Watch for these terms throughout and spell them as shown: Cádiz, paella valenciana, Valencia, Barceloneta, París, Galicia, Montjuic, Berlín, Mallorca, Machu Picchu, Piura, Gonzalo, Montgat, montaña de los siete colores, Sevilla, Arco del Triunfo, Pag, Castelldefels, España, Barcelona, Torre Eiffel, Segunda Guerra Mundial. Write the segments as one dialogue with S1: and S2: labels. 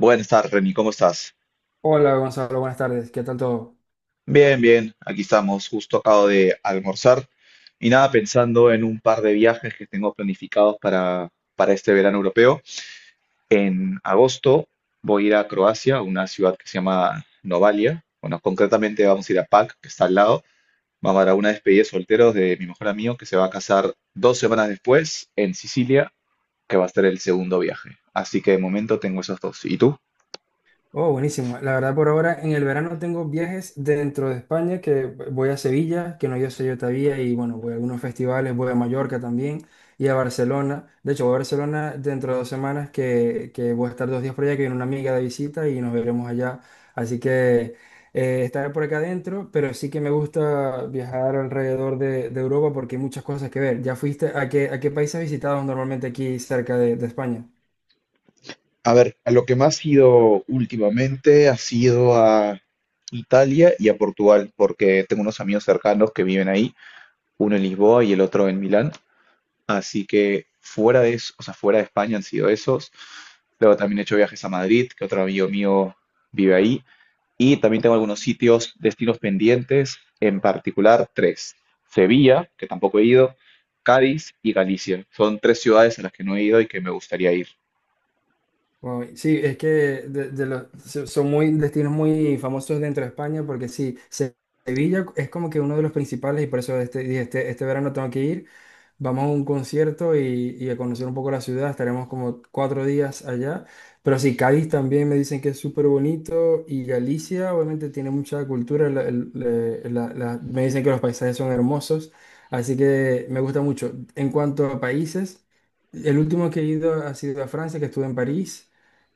S1: Buenas tardes, Reni, ¿cómo estás?
S2: Hola Gonzalo, buenas tardes. ¿Qué tal todo?
S1: Bien, bien, aquí estamos, justo acabo de almorzar y nada, pensando en un par de viajes que tengo planificados para este verano europeo. En agosto voy a ir a Croacia, a una ciudad que se llama Novalia. Bueno, concretamente vamos a ir a Pag, que está al lado. Vamos a dar una despedida de solteros de mi mejor amigo que se va a casar 2 semanas después en Sicilia, que va a ser el segundo viaje. Así que de momento tengo esos dos. ¿Y tú?
S2: Oh, buenísimo. La verdad por ahora en el verano tengo viajes dentro de España que voy a Sevilla, que no yo sé yo todavía, y bueno, voy a algunos festivales, voy a Mallorca también y a Barcelona. De hecho, voy a Barcelona dentro de dos semanas que voy a estar dos días por allá, que viene una amiga de visita y nos veremos allá. Así que estaré por acá adentro, pero sí que me gusta viajar alrededor de Europa porque hay muchas cosas que ver. ¿Ya fuiste a qué país has visitado normalmente aquí cerca de España?
S1: A ver, a lo que más he ido últimamente ha sido a Italia y a Portugal, porque tengo unos amigos cercanos que viven ahí, uno en Lisboa y el otro en Milán. Así que fuera de eso, o sea, fuera de España han sido esos. Luego también he hecho viajes a Madrid, que otro amigo mío vive ahí. Y también tengo algunos sitios, destinos pendientes, en particular tres. Sevilla, que tampoco he ido, Cádiz y Galicia. Son tres ciudades a las que no he ido y que me gustaría ir.
S2: Uy, sí, es que de los, son muy destinos muy famosos dentro de España porque sí, Sevilla es como que uno de los principales y por eso este, dije, este verano tengo que ir. Vamos a un concierto y a conocer un poco la ciudad, estaremos como cuatro días allá. Pero sí, Cádiz también me dicen que es súper bonito y Galicia obviamente tiene mucha cultura, me dicen que los paisajes son hermosos, así que me gusta mucho. En cuanto a países, el último que he ido ha sido a Francia, que estuve en París.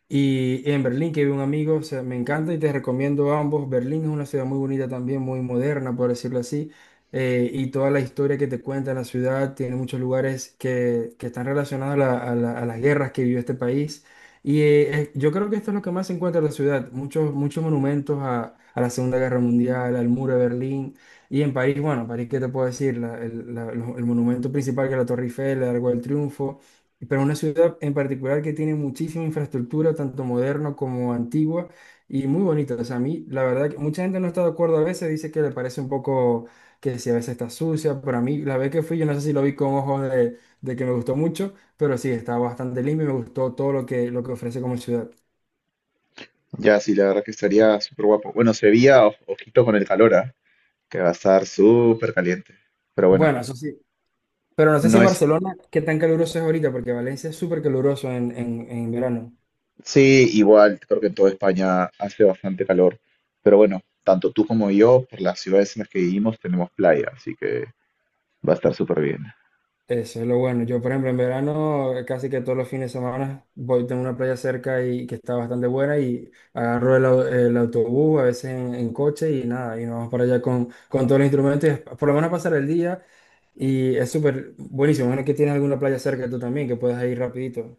S2: Y en Berlín, que vive un amigo, o sea, me encanta y te recomiendo ambos. Berlín es una ciudad muy bonita también, muy moderna, por decirlo así. Y toda la historia que te cuenta la ciudad tiene muchos lugares que están relacionados a, a las guerras que vivió este país. Y yo creo que esto es lo que más se encuentra en la ciudad. Muchos, muchos monumentos a la Segunda Guerra Mundial, al muro de Berlín. Y en París, bueno, París, ¿qué te puedo decir? El monumento principal que es la Torre Eiffel, el Arco del Triunfo, pero una ciudad en particular que tiene muchísima infraestructura, tanto moderna como antigua, y muy bonita. O sea, a mí, la verdad, que mucha gente no está de acuerdo a veces, dice que le parece un poco que si a veces está sucia, pero a mí, la vez que fui, yo no sé si lo vi con ojos de que me gustó mucho, pero sí, está bastante limpio y me gustó todo lo lo que ofrece como ciudad.
S1: Ya, sí, la verdad que estaría súper guapo. Bueno, Sevilla, ojito con el calor, ¿ah? Que va a estar súper caliente. Pero bueno,
S2: Bueno, eso sí, pero no sé si
S1: no
S2: en
S1: es.
S2: Barcelona, qué tan caluroso es ahorita, porque Valencia es súper caluroso en verano.
S1: Sí, igual, creo que en toda España hace bastante calor. Pero bueno, tanto tú como yo, por las ciudades en las que vivimos, tenemos playa, así que va a estar súper bien.
S2: Eso es lo bueno. Yo, por ejemplo, en verano casi que todos los fines de semana voy, tengo una playa cerca y que está bastante buena y agarro el, el autobús, a veces en coche y nada, y nos vamos para allá con todos los instrumentos, y por lo menos pasar el día y es súper buenísimo. Bueno, que tienes alguna playa cerca tú también, que puedas ir rapidito.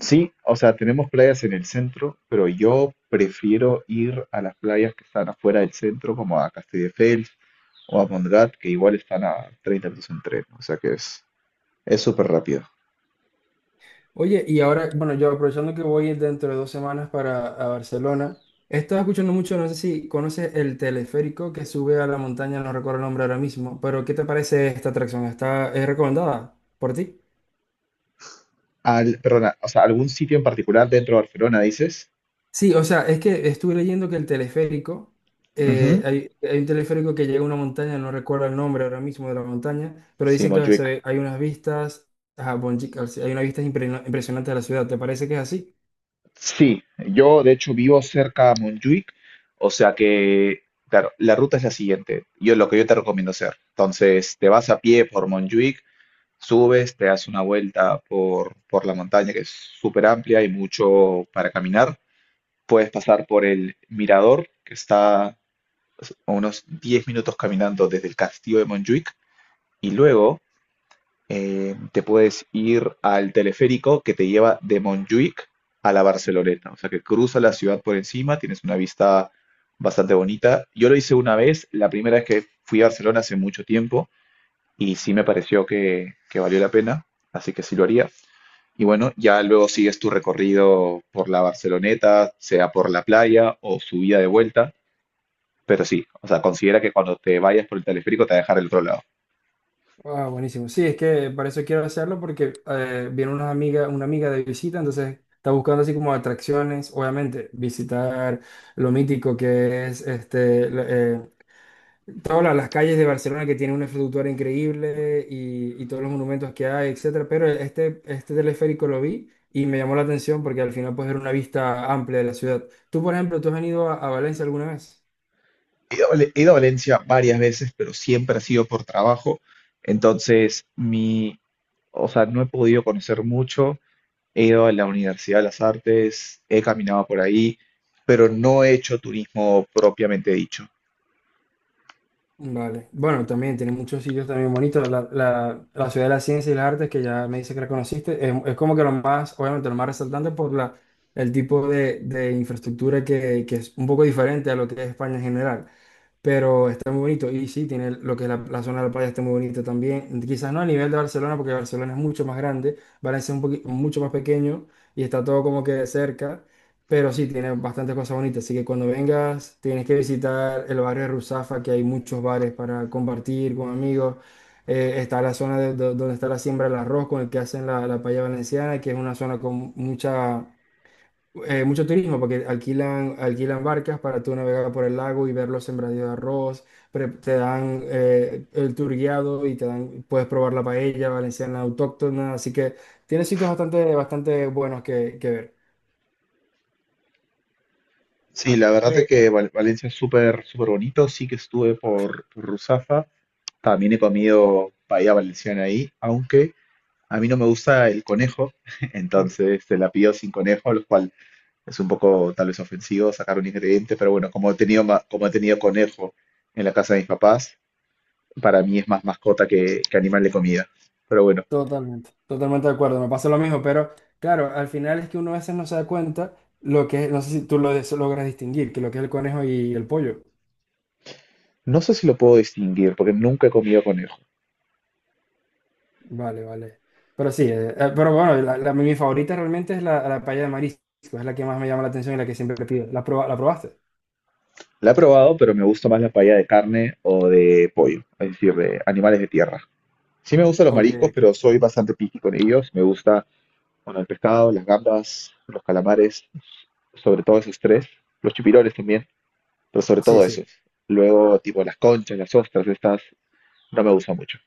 S1: Sí, o sea, tenemos playas en el centro, pero yo prefiero ir a las playas que están afuera del centro, como a Castelldefels o a Montgat, que igual están a 30 minutos en tren. O sea que es súper rápido.
S2: Oye, y ahora, bueno, yo aprovechando que voy dentro de dos semanas para a Barcelona, he estado escuchando mucho, no sé si conoces el teleférico que sube a la montaña, no recuerdo el nombre ahora mismo, pero ¿qué te parece esta atracción? ¿Está, es recomendada por ti?
S1: Perdona, o sea, algún sitio en particular dentro de Barcelona, dices.
S2: Sí, o sea, es que estuve leyendo que el teleférico,
S1: Ujú.
S2: hay un teleférico que llega a una montaña, no recuerdo el nombre ahora mismo de la montaña, pero
S1: Sí,
S2: dicen que
S1: Montjuic.
S2: hay unas vistas, ajá, Bonjic, hay unas vistas impresionantes de la ciudad, ¿te parece que es así?
S1: Sí, yo de hecho vivo cerca a Montjuic, o sea que, claro, la ruta es la siguiente. Yo Lo que yo te recomiendo hacer. Entonces, te vas a pie por Montjuic, subes, te das una vuelta por la montaña que es súper amplia y mucho para caminar. Puedes pasar por el mirador que está a unos 10 minutos caminando desde el castillo de Montjuic y luego te puedes ir al teleférico que te lleva de Montjuic a la Barceloneta, o sea que cruza la ciudad por encima, tienes una vista bastante bonita. Yo lo hice una vez, la primera vez que fui a Barcelona hace mucho tiempo y sí me pareció que valió la pena, así que sí lo haría. Y bueno, ya luego sigues tu recorrido por la Barceloneta, sea por la playa o subida de vuelta, pero sí, o sea, considera que cuando te vayas por el teleférico te va a dejar el otro lado.
S2: Ah, buenísimo. Sí, es que para eso quiero hacerlo porque viene una amiga de visita, entonces está buscando así como atracciones, obviamente, visitar lo mítico que es este, todas las calles de Barcelona que tienen una infraestructura increíble y todos los monumentos que hay, etcétera. Pero este teleférico lo vi y me llamó la atención porque al final puedes ver una vista amplia de la ciudad. Tú, por ejemplo, ¿tú has venido a Valencia alguna vez?
S1: He ido, a he ido a Valencia varias veces, pero siempre ha sido por trabajo. Entonces, o sea, no he podido conocer mucho. He ido a la Universidad de las Artes, he caminado por ahí, pero no he hecho turismo propiamente dicho.
S2: Vale. Bueno, también tiene muchos sitios también bonitos. La, la, la Ciudad de la Ciencia y las Artes, que ya me dice que la conociste, es como que lo más, obviamente, lo más resaltante por la, el tipo de infraestructura que es un poco diferente a lo que es España en general, pero está muy bonito. Y sí, tiene lo que es la, la zona de la playa, está muy bonita también. Quizás no a nivel de Barcelona, porque Barcelona es mucho más grande, Valencia es un mucho más pequeño y está todo como que cerca. Pero sí, tiene bastantes cosas bonitas. Así que cuando vengas, tienes que visitar el barrio de Ruzafa, que hay muchos bares para compartir con amigos. Está la zona donde está la siembra del arroz, con el que hacen la, la paella valenciana, que es una zona con mucha, mucho turismo, porque alquilan, alquilan barcas para tú navegar por el lago y ver los sembradíos de arroz. Te dan el tour guiado y te dan, puedes probar la paella valenciana autóctona. Así que tiene sitios bastante, bastante buenos que ver.
S1: Sí, la verdad es que Valencia es súper, súper bonito. Sí que estuve por Ruzafa. También he comido paella valenciana ahí, aunque a mí no me gusta el conejo,
S2: Eh,
S1: entonces se la pido sin conejo, lo cual es un poco tal vez ofensivo sacar un ingrediente, pero bueno, como he tenido, como he tenido conejo en la casa de mis papás, para mí es más mascota que animal de comida. Pero bueno,
S2: Totalmente, totalmente de acuerdo, me pasa lo mismo, pero claro, al final es que uno a veces no se da cuenta lo que es, no sé si tú lo logras distinguir, que lo que es el conejo y el pollo.
S1: no sé si lo puedo distinguir porque nunca he comido conejo.
S2: Vale, vale. Pero sí, pero bueno, la, mi favorita realmente es la, la paella de marisco, es la que más me llama la atención y la que siempre pido. ¿La, la probaste?
S1: La he probado, pero me gusta más la paella de carne o de pollo, es decir, de animales de tierra. Sí me gustan los
S2: Ok,
S1: mariscos,
S2: ok.
S1: pero soy bastante picky con ellos. Me gusta, bueno, el pescado, las gambas, los calamares, sobre todo esos tres, los chupirones también, pero sobre
S2: Sí,
S1: todo esos.
S2: sí.
S1: Luego, tipo, las conchas, las ostras, estas, no me gusta mucho.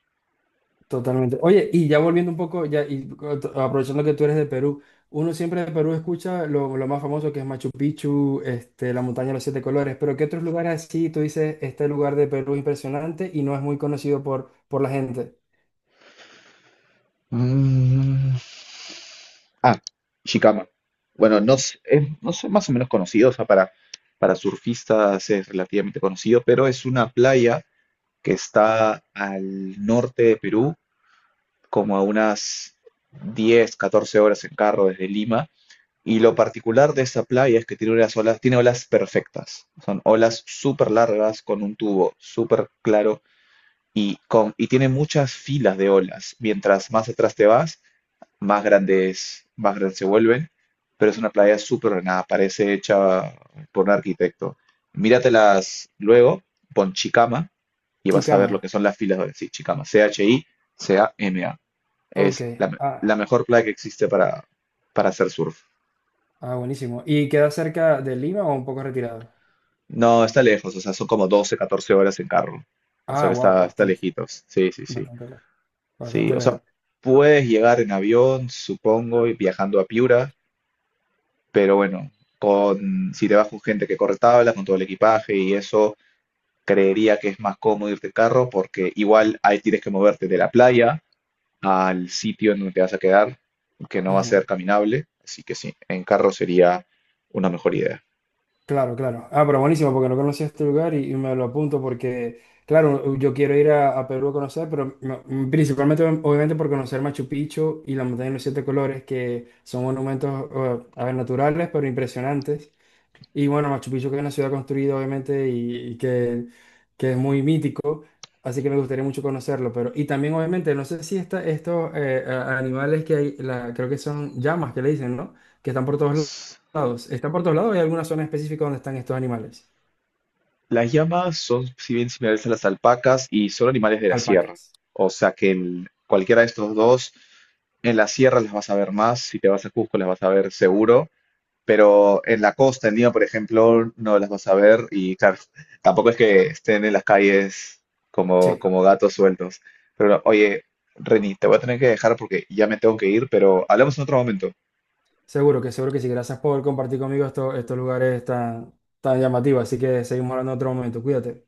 S2: Totalmente. Oye, y ya volviendo un poco, ya y aprovechando que tú eres de Perú, uno siempre de Perú escucha lo más famoso que es Machu Picchu, este, la montaña de los siete colores, pero ¿qué otros lugares así tú dices, este lugar de Perú es impresionante y no es muy conocido por la gente?
S1: Mm, Ah, Shikama. Bueno, no, no son más o menos conocidos, o sea, para surfistas es relativamente conocido, pero es una playa que está al norte de Perú, como a unas 10 14 horas en carro desde Lima. Y lo particular de esta playa es que tiene olas perfectas. Son olas súper largas, con un tubo súper claro y tiene muchas filas de olas. Mientras más atrás te vas, más grande es, más grande se vuelve, pero es una playa súper ordenada, parece hecha por un arquitecto. Míratelas luego, pon Chicama y vas a ver lo que
S2: Chicama.
S1: son las filas de sí, Chicama, Chicama.
S2: Ok.
S1: Es la
S2: Ah,
S1: mejor playa que existe para, hacer surf.
S2: ah, buenísimo. ¿Y queda cerca de Lima o un poco retirado?
S1: No, está lejos, o sea, son como 12 14 horas en carro. O sea
S2: Ah,
S1: que
S2: wow,
S1: está
S2: bastante,
S1: lejitos. Sí, sí, sí.
S2: bastante lejos.
S1: Sí,
S2: Bastante
S1: o sea, puedes llegar en avión, supongo, y viajando a Piura. Pero bueno, si te vas con gente que corre tablas, con todo el equipaje y eso, creería que es más cómodo irte en carro porque igual ahí tienes que moverte de la playa al sitio en donde te vas a quedar, que no va a ser
S2: lejos.
S1: caminable. Así que sí, en carro sería una mejor idea.
S2: Claro, claro. Ah, pero buenísimo, porque no conocía este lugar y me lo apunto porque, claro, yo quiero ir a Perú a conocer, pero principalmente, obviamente, por conocer Machu Picchu y la montaña de los siete colores, que son monumentos, a ver, naturales, pero impresionantes. Y bueno, Machu Picchu que es una ciudad construida, obviamente, y que es muy mítico, así que me gustaría mucho conocerlo. Pero, y también, obviamente, no sé si esta, estos animales que hay, la, creo que son llamas que le dicen, ¿no? Que están por todos lados. ¿Están por todos lados o hay alguna zona específica donde están estos animales?
S1: Las llamas son, si bien similares a las alpacas, y son animales de la sierra.
S2: Alpacas.
S1: O sea que cualquiera de estos dos, en la sierra las vas a ver más, si te vas a Cusco las vas a ver seguro. Pero en la costa, en Lima, por ejemplo, no las vas a ver y claro, tampoco es que estén en las calles como,
S2: Sí,
S1: como gatos sueltos. Pero oye, Reni, te voy a tener que dejar porque ya me tengo que ir, pero hablamos en otro momento.
S2: seguro que sí. Gracias por compartir conmigo estos, estos lugares tan, tan llamativos. Así que seguimos hablando en otro momento. Cuídate.